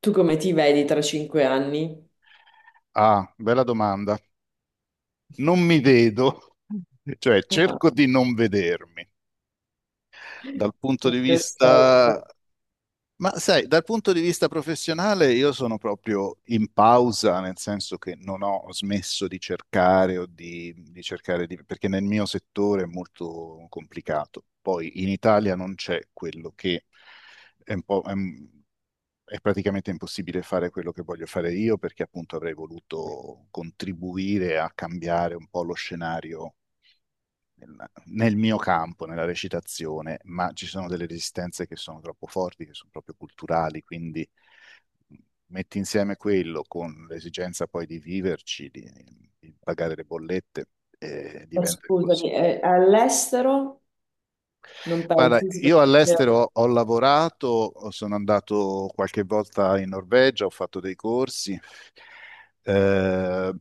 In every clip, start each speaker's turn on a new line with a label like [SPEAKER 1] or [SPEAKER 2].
[SPEAKER 1] Tu come ti vedi tra 5 anni?
[SPEAKER 2] Ah, bella domanda. Non mi vedo, cioè
[SPEAKER 1] Ah,
[SPEAKER 2] cerco di non vedermi, dal punto di
[SPEAKER 1] perfetto.
[SPEAKER 2] vista ma sai, dal punto di vista professionale io sono proprio in pausa, nel senso che non ho smesso di cercare o di cercare di, perché nel mio settore è molto complicato. Poi in Italia non c'è quello che è un po'... È, un- è praticamente impossibile fare quello che voglio fare io perché appunto avrei voluto contribuire a cambiare un po' lo scenario nel nel mio campo, nella recitazione, ma ci sono delle resistenze che sono troppo forti, che sono proprio culturali, quindi mm, metti insieme quello con l'esigenza poi di viverci, di pagare le bollette,
[SPEAKER 1] Ma
[SPEAKER 2] diventa
[SPEAKER 1] scusami,
[SPEAKER 2] impossibile.
[SPEAKER 1] all'estero non
[SPEAKER 2] Guarda,
[SPEAKER 1] pensi?
[SPEAKER 2] io all'estero ho lavorato, sono andato qualche volta in Norvegia, ho fatto dei corsi, eh,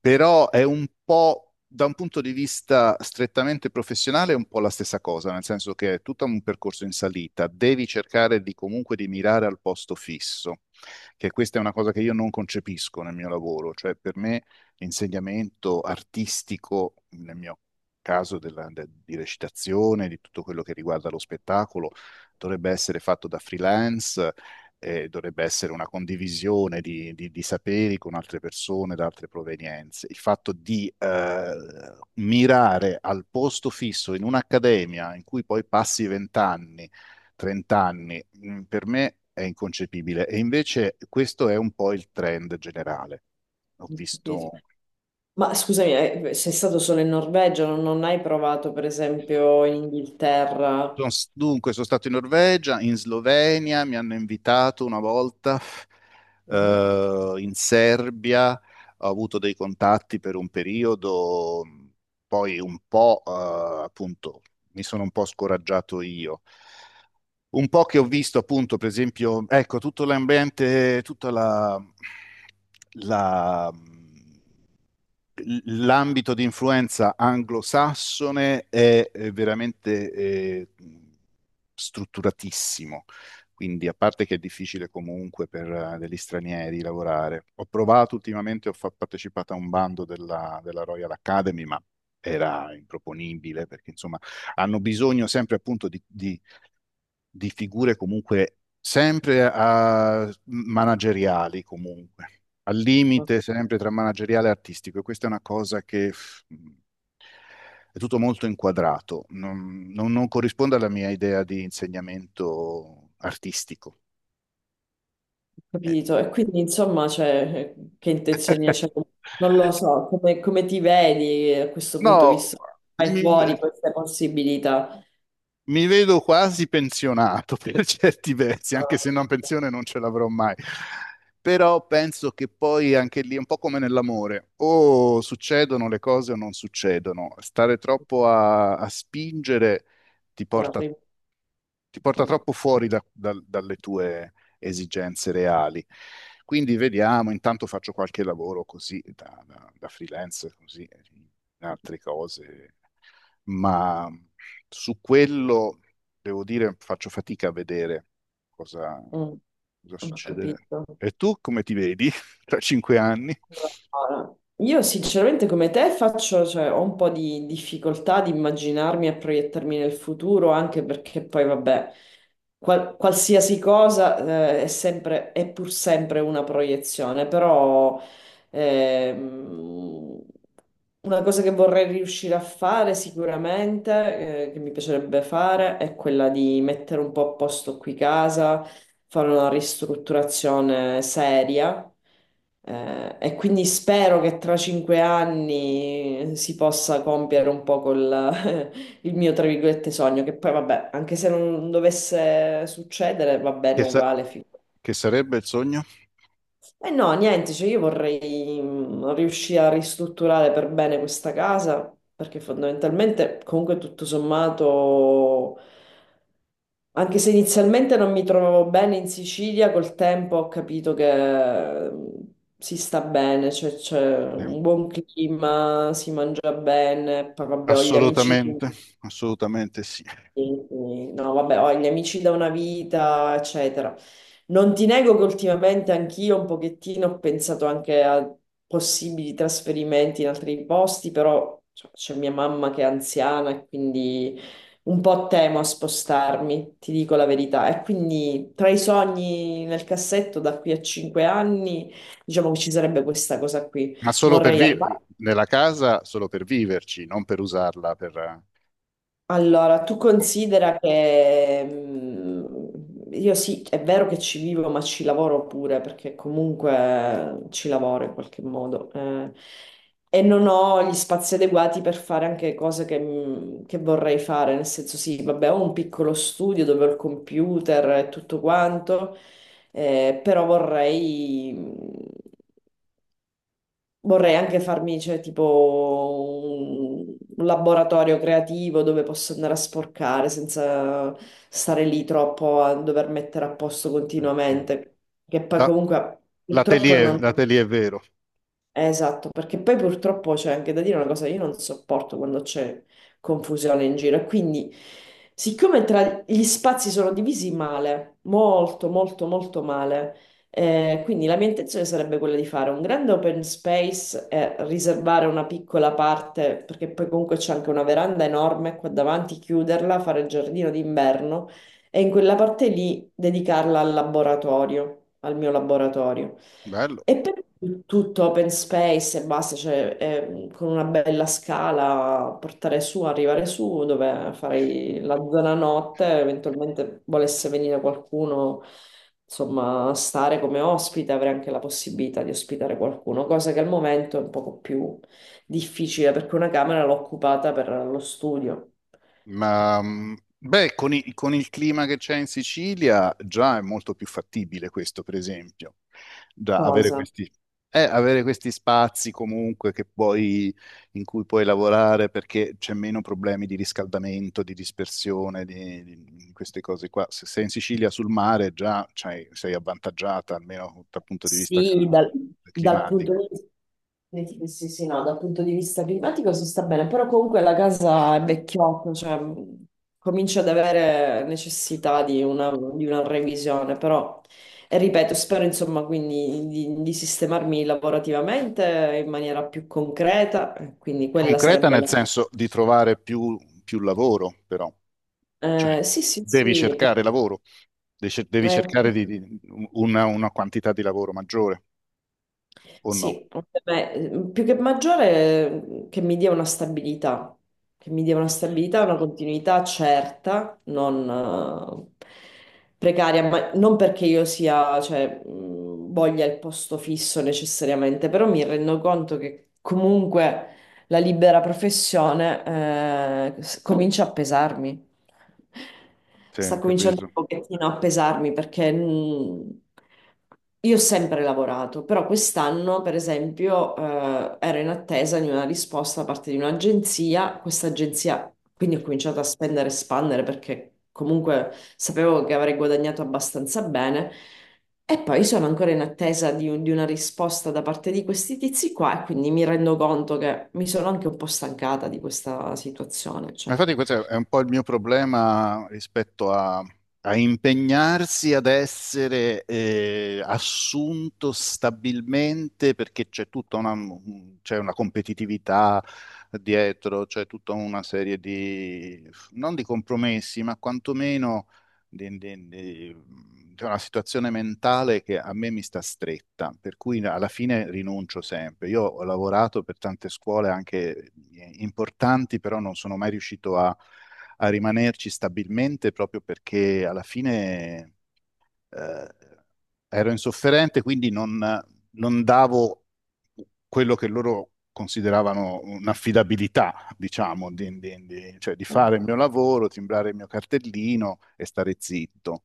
[SPEAKER 2] però è un po', da un punto di vista strettamente professionale, è un po' la stessa cosa, nel senso che è tutto un percorso in salita, devi cercare di comunque di mirare al posto fisso, che questa è una cosa che io non concepisco nel mio lavoro, cioè per me l'insegnamento artistico, nel mio caso di recitazione, di tutto quello che riguarda lo spettacolo, dovrebbe essere fatto da freelance, dovrebbe essere una condivisione di, di saperi con altre persone da altre provenienze. Il fatto di mirare al posto fisso in un'accademia in cui poi passi 20 anni, 30 anni, per me è inconcepibile. E invece questo è un po' il trend generale. Ho
[SPEAKER 1] Ho capito.
[SPEAKER 2] visto.
[SPEAKER 1] Ma scusami, sei stato solo in Norvegia, non hai provato per esempio in Inghilterra?
[SPEAKER 2] Dunque, sono stato in Norvegia, in Slovenia, mi hanno invitato una volta,
[SPEAKER 1] Mhm.
[SPEAKER 2] in Serbia, ho avuto dei contatti per un periodo, poi un po', appunto, mi sono un po' scoraggiato io. Un po' che ho visto, appunto, per esempio, ecco, tutto l'ambiente, tutta la- l'ambito di influenza anglosassone è veramente strutturatissimo, quindi a parte che è difficile comunque per degli stranieri lavorare. Ho provato ultimamente, ho partecipato a un bando della Royal Academy, ma era improponibile perché insomma hanno bisogno sempre appunto di figure comunque sempre manageriali, comunque, al
[SPEAKER 1] Ho
[SPEAKER 2] limite sempre tra manageriale e artistico. E questa è una cosa che è tutto molto inquadrato, non corrisponde alla mia idea di insegnamento artistico. Eh,
[SPEAKER 1] capito. E quindi insomma, cioè, che intenzioni hai? Cioè, non lo so, come ti vedi a questo punto,
[SPEAKER 2] No,
[SPEAKER 1] visto che hai
[SPEAKER 2] mi-
[SPEAKER 1] fuori queste possibilità?
[SPEAKER 2] Mi vedo quasi pensionato per certi versi, anche se una
[SPEAKER 1] Ah,
[SPEAKER 2] pensione non ce l'avrò mai. Però penso che poi anche lì è un po' come nell'amore, o succedono le cose o non succedono. Stare troppo a spingere ti porta,
[SPEAKER 1] arrivo.
[SPEAKER 2] ti porta troppo fuori dalle tue esigenze reali. Quindi vediamo, intanto faccio qualche lavoro così da freelance, così, altre cose, ma su quello devo dire faccio fatica a vedere cosa,
[SPEAKER 1] Mm,
[SPEAKER 2] cosa
[SPEAKER 1] ho
[SPEAKER 2] succederà.
[SPEAKER 1] capito.
[SPEAKER 2] E tu come ti vedi tra 5 anni?
[SPEAKER 1] Allora, io sinceramente come te faccio, cioè, ho un po' di difficoltà di immaginarmi e proiettarmi nel futuro, anche perché poi vabbè, qualsiasi cosa, è sempre, è pur sempre una proiezione, però Ehm, una cosa che vorrei riuscire a fare sicuramente, che mi piacerebbe fare, è quella di mettere un po' a posto qui casa, fare una ristrutturazione seria. E quindi spero che tra 5 anni si possa compiere un po' col, il mio, tra virgolette, sogno, che poi vabbè, anche se non dovesse succedere, va bene
[SPEAKER 2] Che, sa-
[SPEAKER 1] uguale. Figurati.
[SPEAKER 2] che sarebbe il sogno?
[SPEAKER 1] E no, niente, cioè io vorrei riuscire a ristrutturare per bene questa casa, perché fondamentalmente comunque tutto sommato, anche se inizialmente non mi trovavo bene in Sicilia, col tempo ho capito che si sta bene, cioè c'è
[SPEAKER 2] Eh,
[SPEAKER 1] un buon clima, si mangia bene, poi vabbè ho gli amici.
[SPEAKER 2] Assolutamente, assolutamente sì.
[SPEAKER 1] Sì, sì. No, vabbè, ho gli amici da una vita, eccetera. Non ti nego che ultimamente anch'io un pochettino ho pensato anche a possibili trasferimenti in altri posti, però cioè, c'è mia mamma che è anziana e quindi un po' temo a spostarmi, ti dico la verità. E quindi tra i sogni nel cassetto da qui a 5 anni, diciamo che ci sarebbe questa cosa qui.
[SPEAKER 2] Ma solo per
[SPEAKER 1] Vorrei al
[SPEAKER 2] vivere nella casa, solo per viverci, non per usarla per
[SPEAKER 1] Allora, tu
[SPEAKER 2] com-
[SPEAKER 1] considera che io sì, è vero che ci vivo, ma ci lavoro pure, perché comunque ci lavoro in qualche modo. E non ho gli spazi adeguati per fare anche cose che vorrei fare, nel senso sì, vabbè, ho un piccolo studio dove ho il computer e tutto quanto, però Vorrei anche farmi, cioè, tipo un laboratorio creativo dove posso andare a sporcare senza stare lì troppo a dover mettere a posto
[SPEAKER 2] no.
[SPEAKER 1] continuamente, che poi
[SPEAKER 2] la-
[SPEAKER 1] comunque purtroppo
[SPEAKER 2] l'atelier,
[SPEAKER 1] non
[SPEAKER 2] l'atelier è vero.
[SPEAKER 1] Esatto, perché poi purtroppo c'è anche da dire una cosa, io non sopporto quando c'è confusione in giro e quindi siccome tra gli spazi sono divisi male, molto molto molto male, quindi la mia intenzione sarebbe quella di fare un grande open space e riservare una piccola parte, perché poi comunque c'è anche una veranda enorme qua davanti, chiuderla, fare il giardino d'inverno e in quella parte lì dedicarla al laboratorio, al mio laboratorio.
[SPEAKER 2] Bello.
[SPEAKER 1] E per tutto open space e basta, cioè con una bella scala portare su, arrivare su, dove farei la zona notte, eventualmente volesse venire qualcuno, insomma, a stare come ospite, avrei anche la possibilità di ospitare qualcuno, cosa che al momento è un poco più difficile perché una camera l'ho occupata per lo studio.
[SPEAKER 2] Ma beh, con il clima che c'è in Sicilia già è molto più fattibile questo, per esempio. Già avere
[SPEAKER 1] Cosa?
[SPEAKER 2] questi spazi comunque in cui puoi lavorare perché c'è meno problemi di riscaldamento, di dispersione, di queste cose qua. Se sei in Sicilia sul mare già sei avvantaggiata, almeno dal punto di vista
[SPEAKER 1] Sì, dal punto
[SPEAKER 2] climatico.
[SPEAKER 1] di vista. Sì, sì, sì, no, dal punto di vista climatico si sta bene, però comunque la casa è vecchiotta, cioè comincia ad avere necessità di una revisione, però e ripeto, spero insomma quindi di sistemarmi lavorativamente in maniera più concreta, quindi quella
[SPEAKER 2] Concreta
[SPEAKER 1] sarebbe
[SPEAKER 2] nel
[SPEAKER 1] la.
[SPEAKER 2] senso di trovare più lavoro, però. Cioè,
[SPEAKER 1] Sì, sì,
[SPEAKER 2] devi
[SPEAKER 1] sì,
[SPEAKER 2] cercare lavoro, devi cercare
[SPEAKER 1] sì.
[SPEAKER 2] una quantità di lavoro maggiore, o no?
[SPEAKER 1] Sì, beh, più che maggiore che mi dia una stabilità, che mi dia una stabilità, una continuità certa, non precaria, ma non perché io sia, cioè, voglia il posto fisso necessariamente, però mi rendo conto che comunque la libera professione comincia a pesarmi.
[SPEAKER 2] Sì,
[SPEAKER 1] Sta
[SPEAKER 2] ho
[SPEAKER 1] cominciando
[SPEAKER 2] capito.
[SPEAKER 1] pochettino a pesarmi perché io ho sempre lavorato, però quest'anno, per esempio, ero in attesa di una risposta da parte di un'agenzia. Questa agenzia, quindi ho cominciato a spendere e spandere perché comunque sapevo che avrei guadagnato abbastanza bene. E poi sono ancora in attesa di una risposta da parte di questi tizi qua e quindi mi rendo conto che mi sono anche un po' stancata di questa situazione.
[SPEAKER 2] Ma
[SPEAKER 1] Cioè.
[SPEAKER 2] infatti questo è un po' il mio problema rispetto a impegnarsi ad essere assunto stabilmente perché c'è una competitività dietro, c'è tutta una serie non di compromessi, ma quantomeno di, di- di- di una situazione mentale che a me mi sta stretta, per cui alla fine rinuncio sempre. Io ho lavorato per tante scuole anche importanti, però non sono mai riuscito a rimanerci stabilmente proprio perché alla fine eh, ero insofferente, quindi non davo quello che loro consideravano un'affidabilità, diciamo, cioè di fare il mio lavoro, timbrare il mio cartellino e stare zitto.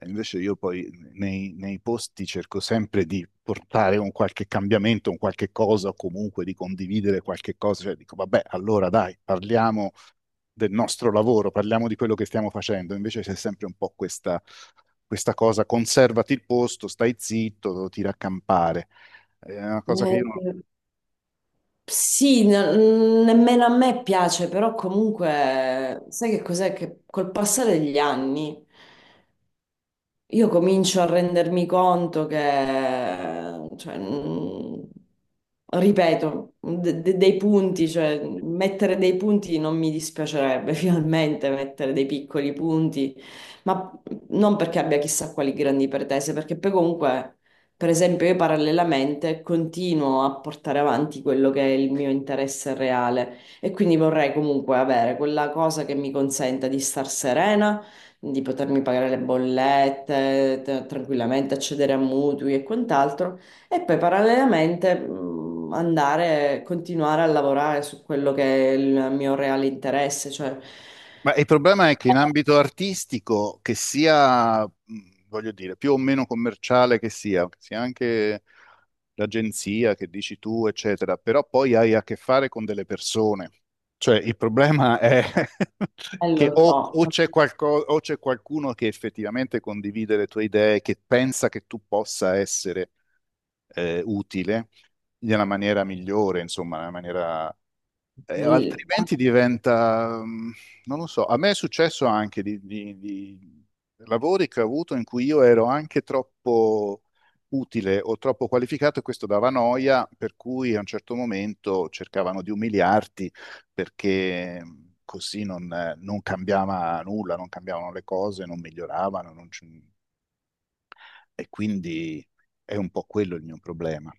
[SPEAKER 2] E invece io poi nei posti cerco sempre di portare un qualche cambiamento, un qualche cosa, o comunque di condividere qualche cosa, cioè dico, vabbè, allora dai, parliamo del nostro lavoro, parliamo di quello che stiamo facendo, invece c'è sempre un po' questa cosa, conservati il posto, stai zitto, tira a campare. È una cosa che io non...
[SPEAKER 1] Eh, Sì, nemmeno a me piace, però comunque sai che cos'è? Che col passare degli anni io comincio a rendermi conto che, cioè, ripeto, dei punti, cioè mettere dei punti non mi dispiacerebbe, finalmente mettere dei piccoli punti, ma non perché abbia chissà quali grandi pretese, perché poi comunque, per esempio, io parallelamente continuo a portare avanti quello che è il mio interesse reale e quindi vorrei comunque avere quella cosa che mi consenta di star serena di potermi pagare le bollette, tranquillamente accedere a mutui e quant'altro, e poi parallelamente andare, continuare a lavorare su quello che è il mio reale interesse, cioè,
[SPEAKER 2] Ma il problema è che in ambito artistico, che sia, voglio dire, più o meno commerciale, che sia anche l'agenzia che dici tu, eccetera, però poi hai a che fare con delle persone. Cioè, il problema è che
[SPEAKER 1] lo
[SPEAKER 2] o,
[SPEAKER 1] so,
[SPEAKER 2] o c'è qualco- o c'è qualcuno che effettivamente condivide le tue idee, che pensa che tu possa essere utile nella maniera migliore, insomma, nella maniera, altrimenti diventa, non lo so, a me è successo anche di lavori che ho avuto in cui io ero anche troppo utile o troppo qualificato e questo dava noia, per cui a un certo momento cercavano di umiliarti perché così non cambiava nulla, non cambiavano le cose, non miglioravano, non c- e quindi è un po' quello il mio problema.